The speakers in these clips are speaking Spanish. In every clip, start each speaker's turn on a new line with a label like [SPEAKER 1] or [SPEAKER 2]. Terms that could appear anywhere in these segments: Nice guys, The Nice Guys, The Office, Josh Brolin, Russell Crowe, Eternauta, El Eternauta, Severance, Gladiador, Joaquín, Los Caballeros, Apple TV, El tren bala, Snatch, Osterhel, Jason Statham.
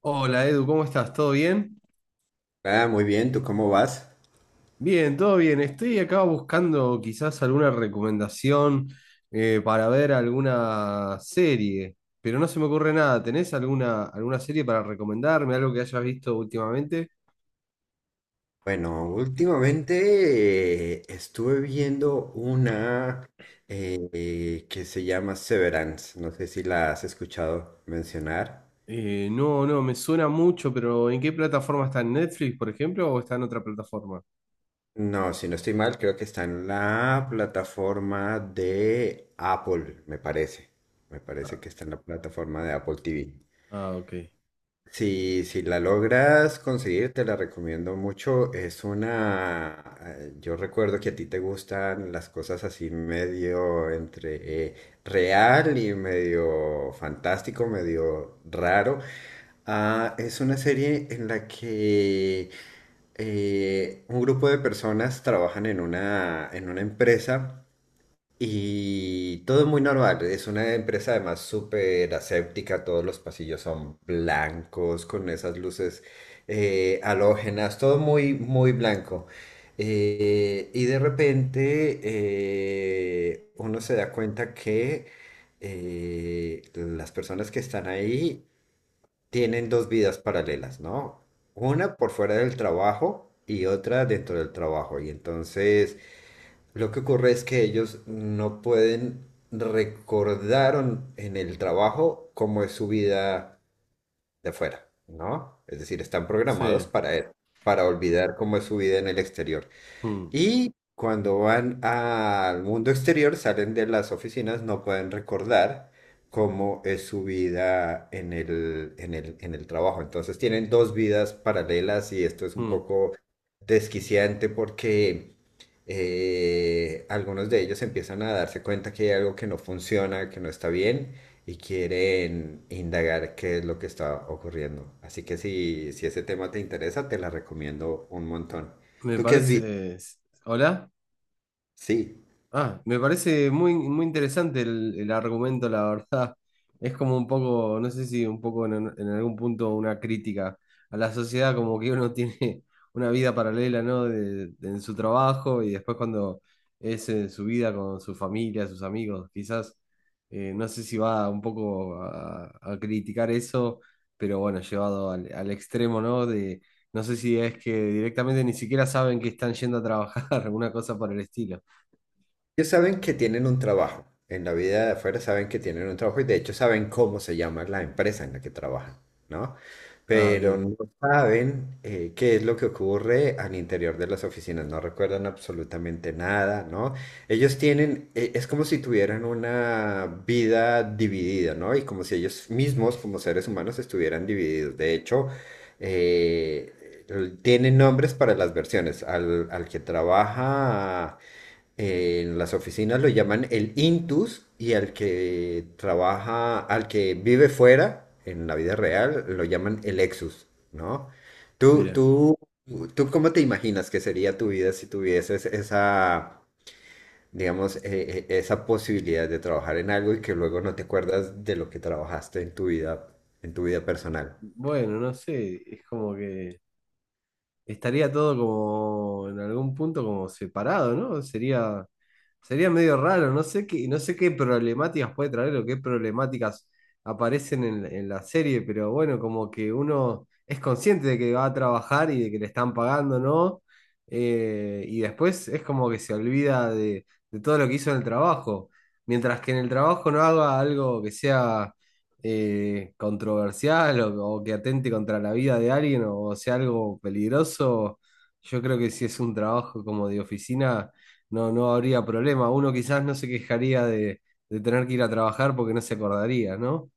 [SPEAKER 1] Hola Edu, ¿cómo estás? ¿Todo bien?
[SPEAKER 2] Muy bien, ¿tú cómo vas?
[SPEAKER 1] Bien, todo bien. Estoy acá buscando quizás alguna recomendación para ver alguna serie, pero no se me ocurre nada. ¿Tenés alguna serie para recomendarme? ¿Algo que hayas visto últimamente?
[SPEAKER 2] Bueno, últimamente estuve viendo una que se llama Severance. No sé si la has escuchado mencionar.
[SPEAKER 1] No, no, me suena mucho, pero ¿en qué plataforma está? ¿En Netflix, por ejemplo, o está en otra plataforma?
[SPEAKER 2] No, si no estoy mal, creo que está en la plataforma de Apple, me parece. Me parece que está en la plataforma de Apple TV.
[SPEAKER 1] Ah, ok.
[SPEAKER 2] Si, si la logras conseguir, te la recomiendo mucho. Es una... yo recuerdo que a ti te gustan las cosas así medio entre eh, real y medio fantástico, medio raro. Ah, es una serie en la que un grupo de personas trabajan en una empresa. Y todo muy normal, es una empresa además súper aséptica, todos los pasillos son blancos, con esas luces halógenas, todo muy, muy blanco. Y de repente uno se da cuenta que las personas que están ahí tienen dos vidas paralelas, ¿no? Una por fuera del trabajo y otra dentro del trabajo. Y entonces, lo que ocurre es que ellos no pueden recordar en el trabajo cómo es su vida de afuera, ¿no? Es decir, están
[SPEAKER 1] Sí.
[SPEAKER 2] programados para olvidar cómo es su vida en el exterior.
[SPEAKER 1] Mm,
[SPEAKER 2] Y cuando van al mundo exterior, salen de las oficinas, no pueden recordar cómo es su vida en el trabajo. Entonces tienen dos vidas paralelas y esto es un
[SPEAKER 1] mm.
[SPEAKER 2] poco desquiciante porque algunos de ellos empiezan a darse cuenta que hay algo que no funciona, que no está bien y quieren indagar qué es lo que está ocurriendo. Así que si, si ese tema te interesa, te la recomiendo un montón.
[SPEAKER 1] Me
[SPEAKER 2] ¿Tú qué has
[SPEAKER 1] parece... ¿Hola?
[SPEAKER 2] Sí,
[SPEAKER 1] Ah, me parece muy interesante el argumento, la verdad. Es como un poco, no sé si un poco en algún punto una crítica a la sociedad, como que uno tiene una vida paralela, ¿no? En su trabajo y después cuando es su vida con su familia, sus amigos, quizás, no sé si va un poco a criticar eso, pero bueno, llevado al extremo, ¿no? De, no sé si es que directamente ni siquiera saben que están yendo a trabajar, alguna cosa por el estilo.
[SPEAKER 2] ellos saben que tienen un trabajo? En la vida de afuera saben que tienen un trabajo y de hecho saben cómo se llama la empresa en la que trabajan, ¿no?
[SPEAKER 1] Ah,
[SPEAKER 2] Pero
[SPEAKER 1] bien.
[SPEAKER 2] no saben qué es lo que ocurre al interior de las oficinas, no recuerdan absolutamente nada, ¿no? Ellos tienen, es como si tuvieran una vida dividida, ¿no? Y como si ellos mismos, como seres humanos, estuvieran divididos. De hecho, eh, tienen nombres para las versiones. Al que trabaja en las oficinas lo llaman el intus y al que trabaja, al que vive fuera, en la vida real, lo llaman el exus, ¿no? ¿Tú,
[SPEAKER 1] Bien.
[SPEAKER 2] tú, tú cómo te imaginas que sería tu vida si tuvieses esa, digamos, esa posibilidad de trabajar en algo y que luego no te acuerdas de lo que trabajaste en tu vida personal?
[SPEAKER 1] Bueno, no sé, es como que estaría todo como en algún punto como separado, ¿no? Sería medio raro, no sé qué, no sé qué problemáticas puede traer o qué problemáticas aparecen en la serie, pero bueno, como que uno es consciente de que va a trabajar y de que le están pagando, ¿no? Y después es como que se olvida de todo lo que hizo en el trabajo. Mientras que en el trabajo no haga algo que sea controversial o que atente contra la vida de alguien o sea algo peligroso, yo creo que si es un trabajo como de oficina, no, no habría problema. Uno quizás no se quejaría de tener que ir a trabajar porque no se acordaría, ¿no?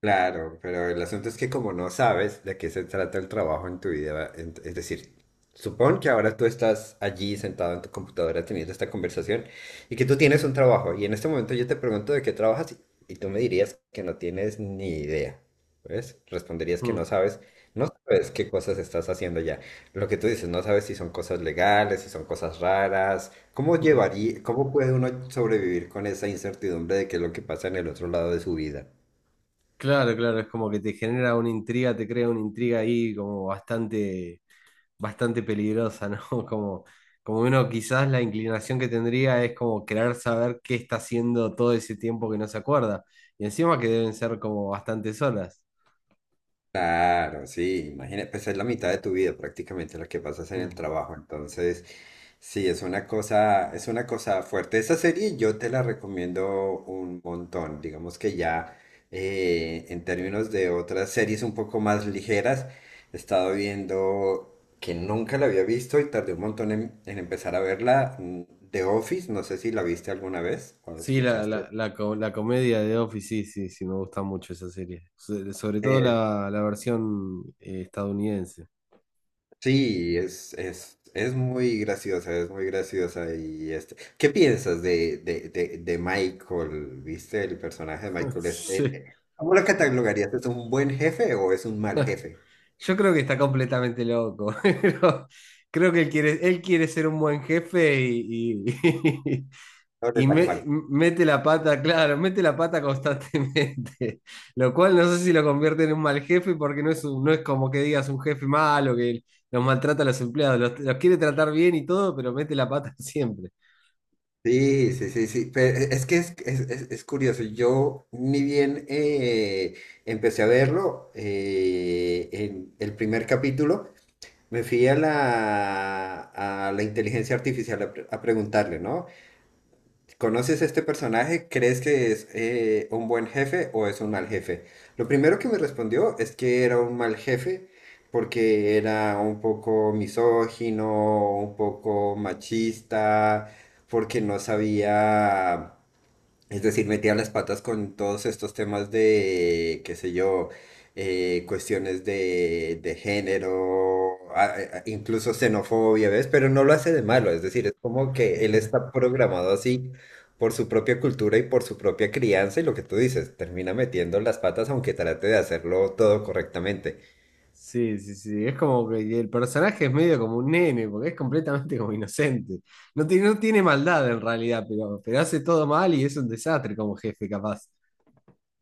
[SPEAKER 2] Claro, pero el asunto es que como no sabes de qué se trata el trabajo en tu vida, es decir, supón que ahora tú estás allí sentado en tu computadora teniendo esta conversación y que tú tienes un trabajo y en este momento yo te pregunto de qué trabajas y tú me dirías que no tienes ni idea, ¿ves? Responderías que no
[SPEAKER 1] Mm,
[SPEAKER 2] sabes, no sabes qué cosas estás haciendo ya. Lo que tú dices, no sabes si son cosas legales, si son cosas raras. ¿Cómo
[SPEAKER 1] mm.
[SPEAKER 2] llevaría, cómo puede uno sobrevivir con esa incertidumbre de qué es lo que pasa en el otro lado de su vida?
[SPEAKER 1] Claro, claro, es como que te genera una intriga, te crea una intriga ahí como bastante bastante peligrosa, ¿no? Como, como uno quizás la inclinación que tendría es como querer saber qué está haciendo todo ese tiempo que no se acuerda. Y encima que deben ser como bastantes horas.
[SPEAKER 2] Claro, sí, imagínate, pues es la mitad de tu vida prácticamente la que pasas en el
[SPEAKER 1] Mm.
[SPEAKER 2] trabajo, entonces sí, es una cosa fuerte. Esa serie yo te la recomiendo un montón, digamos que ya en términos de otras series un poco más ligeras, he estado viendo que nunca la había visto y tardé un montón en empezar a verla, mm, The Office, no sé si la viste alguna vez o la
[SPEAKER 1] Sí,
[SPEAKER 2] escuchaste.
[SPEAKER 1] la comedia de Office, sí, sí, sí, me gusta mucho esa serie. Sobre todo la versión estadounidense.
[SPEAKER 2] Sí, es muy graciosa y este. ¿Qué piensas de Michael? ¿Viste el personaje de Michael? Es,
[SPEAKER 1] Sí.
[SPEAKER 2] ¿cómo lo catalogarías? ¿Es un buen jefe o es un mal jefe?
[SPEAKER 1] Yo creo que está completamente loco. Pero creo que él quiere ser un buen jefe
[SPEAKER 2] No le sale mal.
[SPEAKER 1] Mete la pata, claro, mete la pata constantemente, lo cual no sé si lo convierte en un mal jefe porque no es como que digas un jefe malo que los maltrata a los empleados, los quiere tratar bien y todo, pero mete la pata siempre.
[SPEAKER 2] Sí, sí, sí, sí. Pero es que es curioso. Yo ni bien empecé a verlo en el primer capítulo. Me fui a la inteligencia artificial a, preguntarle, ¿no? ¿Conoces a este personaje? ¿Crees que es un buen jefe o es un mal jefe? Lo primero que me respondió es que era un mal jefe porque era un poco misógino, un poco machista, porque no sabía, es decir, metía las patas con todos estos temas de, qué sé yo, cuestiones de género, incluso xenofobia, ¿ves? Pero no lo hace de malo, es decir, es como que él está programado así por su propia cultura y por su propia crianza y lo que tú dices, termina metiendo las patas aunque trate de hacerlo todo correctamente.
[SPEAKER 1] Sí, sí, sí, es como que el personaje es medio como un nene, porque es completamente como inocente. No tiene maldad en realidad, pero hace todo mal y es un desastre como jefe, capaz.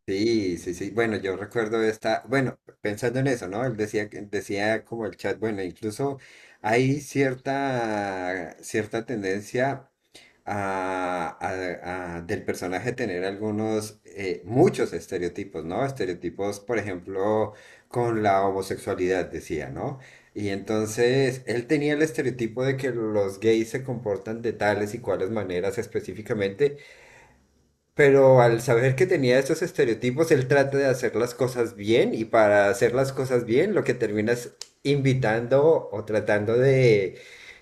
[SPEAKER 2] Sí, sí, sí. Bueno, yo recuerdo esta, bueno, pensando en eso, ¿no? Él decía, decía como el chat, bueno, incluso hay cierta, cierta tendencia a, del personaje tener algunos, muchos estereotipos, ¿no? Estereotipos, por ejemplo, con la homosexualidad, decía, ¿no? Y entonces él tenía el estereotipo de que los gays se comportan de tales y cuales maneras específicamente. Pero al saber que tenía estos estereotipos, él trata de hacer las cosas bien y para hacer las cosas bien, lo que terminas invitando o tratando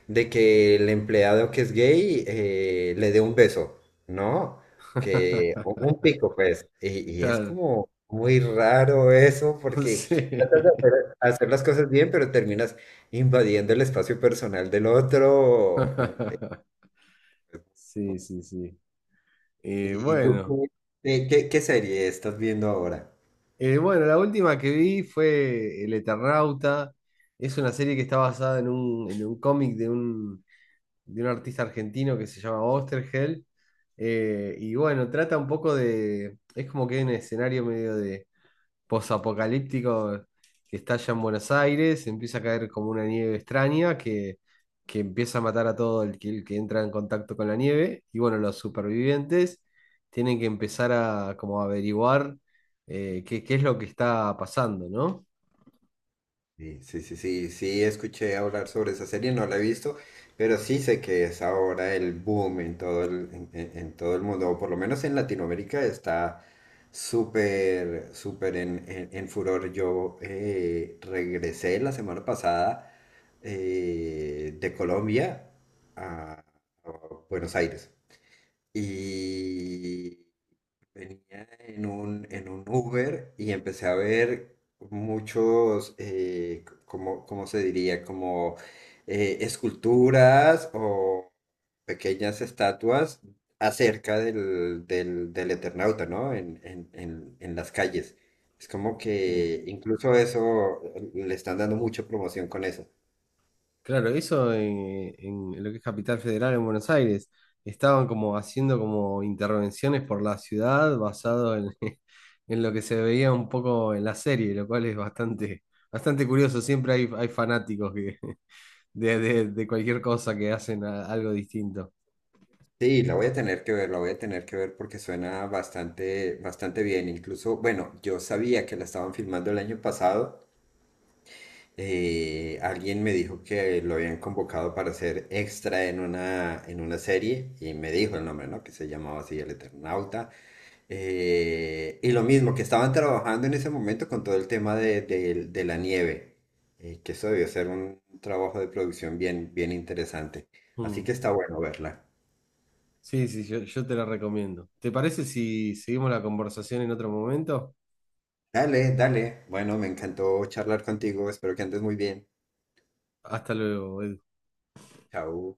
[SPEAKER 2] de que el empleado que es gay le dé un beso, ¿no? Que o un pico, pues. Y es
[SPEAKER 1] Claro,
[SPEAKER 2] como muy raro eso
[SPEAKER 1] no
[SPEAKER 2] porque tratas de hacer, hacer las cosas bien, pero terminas invadiendo el espacio personal del otro.
[SPEAKER 1] sí, sí, sí.
[SPEAKER 2] ¿Y tú
[SPEAKER 1] Bueno.
[SPEAKER 2] qué serie estás viendo ahora?
[SPEAKER 1] Bueno, la última que vi fue El Eternauta. Es una serie que está basada en un cómic de un artista argentino que se llama Osterhel. Y bueno, trata un poco de... Es como que hay un escenario medio de posapocalíptico que está allá en Buenos Aires, empieza a caer como una nieve extraña que empieza a matar a todo el que entra en contacto con la nieve. Y bueno, los supervivientes tienen que empezar a como averiguar qué es lo que está pasando, ¿no?
[SPEAKER 2] Sí, sí, sí, sí, sí, escuché hablar sobre esa serie, no la he visto, pero sí sé que es ahora el boom en todo el, en todo el mundo, o por lo menos en Latinoamérica está súper, súper en furor. Yo regresé la semana pasada de Colombia a a Buenos Aires y venía en un Uber y empecé a ver muchos, como, ¿cómo se diría? Como esculturas o pequeñas estatuas acerca del Eternauta, ¿no? En las calles. Es como
[SPEAKER 1] Sí.
[SPEAKER 2] que incluso eso le están dando mucha promoción con eso.
[SPEAKER 1] Claro, eso en lo que es Capital Federal en Buenos Aires. Estaban como haciendo como intervenciones por la ciudad basado en, en lo que se veía un poco en la serie, lo cual es bastante, bastante curioso. Siempre hay fanáticos que, de cualquier cosa que hacen algo distinto.
[SPEAKER 2] Sí, la voy a tener que ver, la voy a tener que ver porque suena bastante, bastante bien. Incluso, bueno, yo sabía que la estaban filmando el año pasado, alguien me dijo que lo habían convocado para ser extra en una serie y me dijo el nombre, ¿no? Que se llamaba así El Eternauta. Y lo mismo, que estaban trabajando en ese momento con todo el tema de la nieve, que eso debió ser un trabajo de producción bien, bien interesante. Así
[SPEAKER 1] Mm.
[SPEAKER 2] que está bueno verla.
[SPEAKER 1] Sí, sí, yo te la recomiendo. ¿Te parece si seguimos la conversación en otro momento?
[SPEAKER 2] Dale, dale. Bueno, me encantó charlar contigo. Espero que andes muy bien.
[SPEAKER 1] Hasta luego, Edu.
[SPEAKER 2] Chao.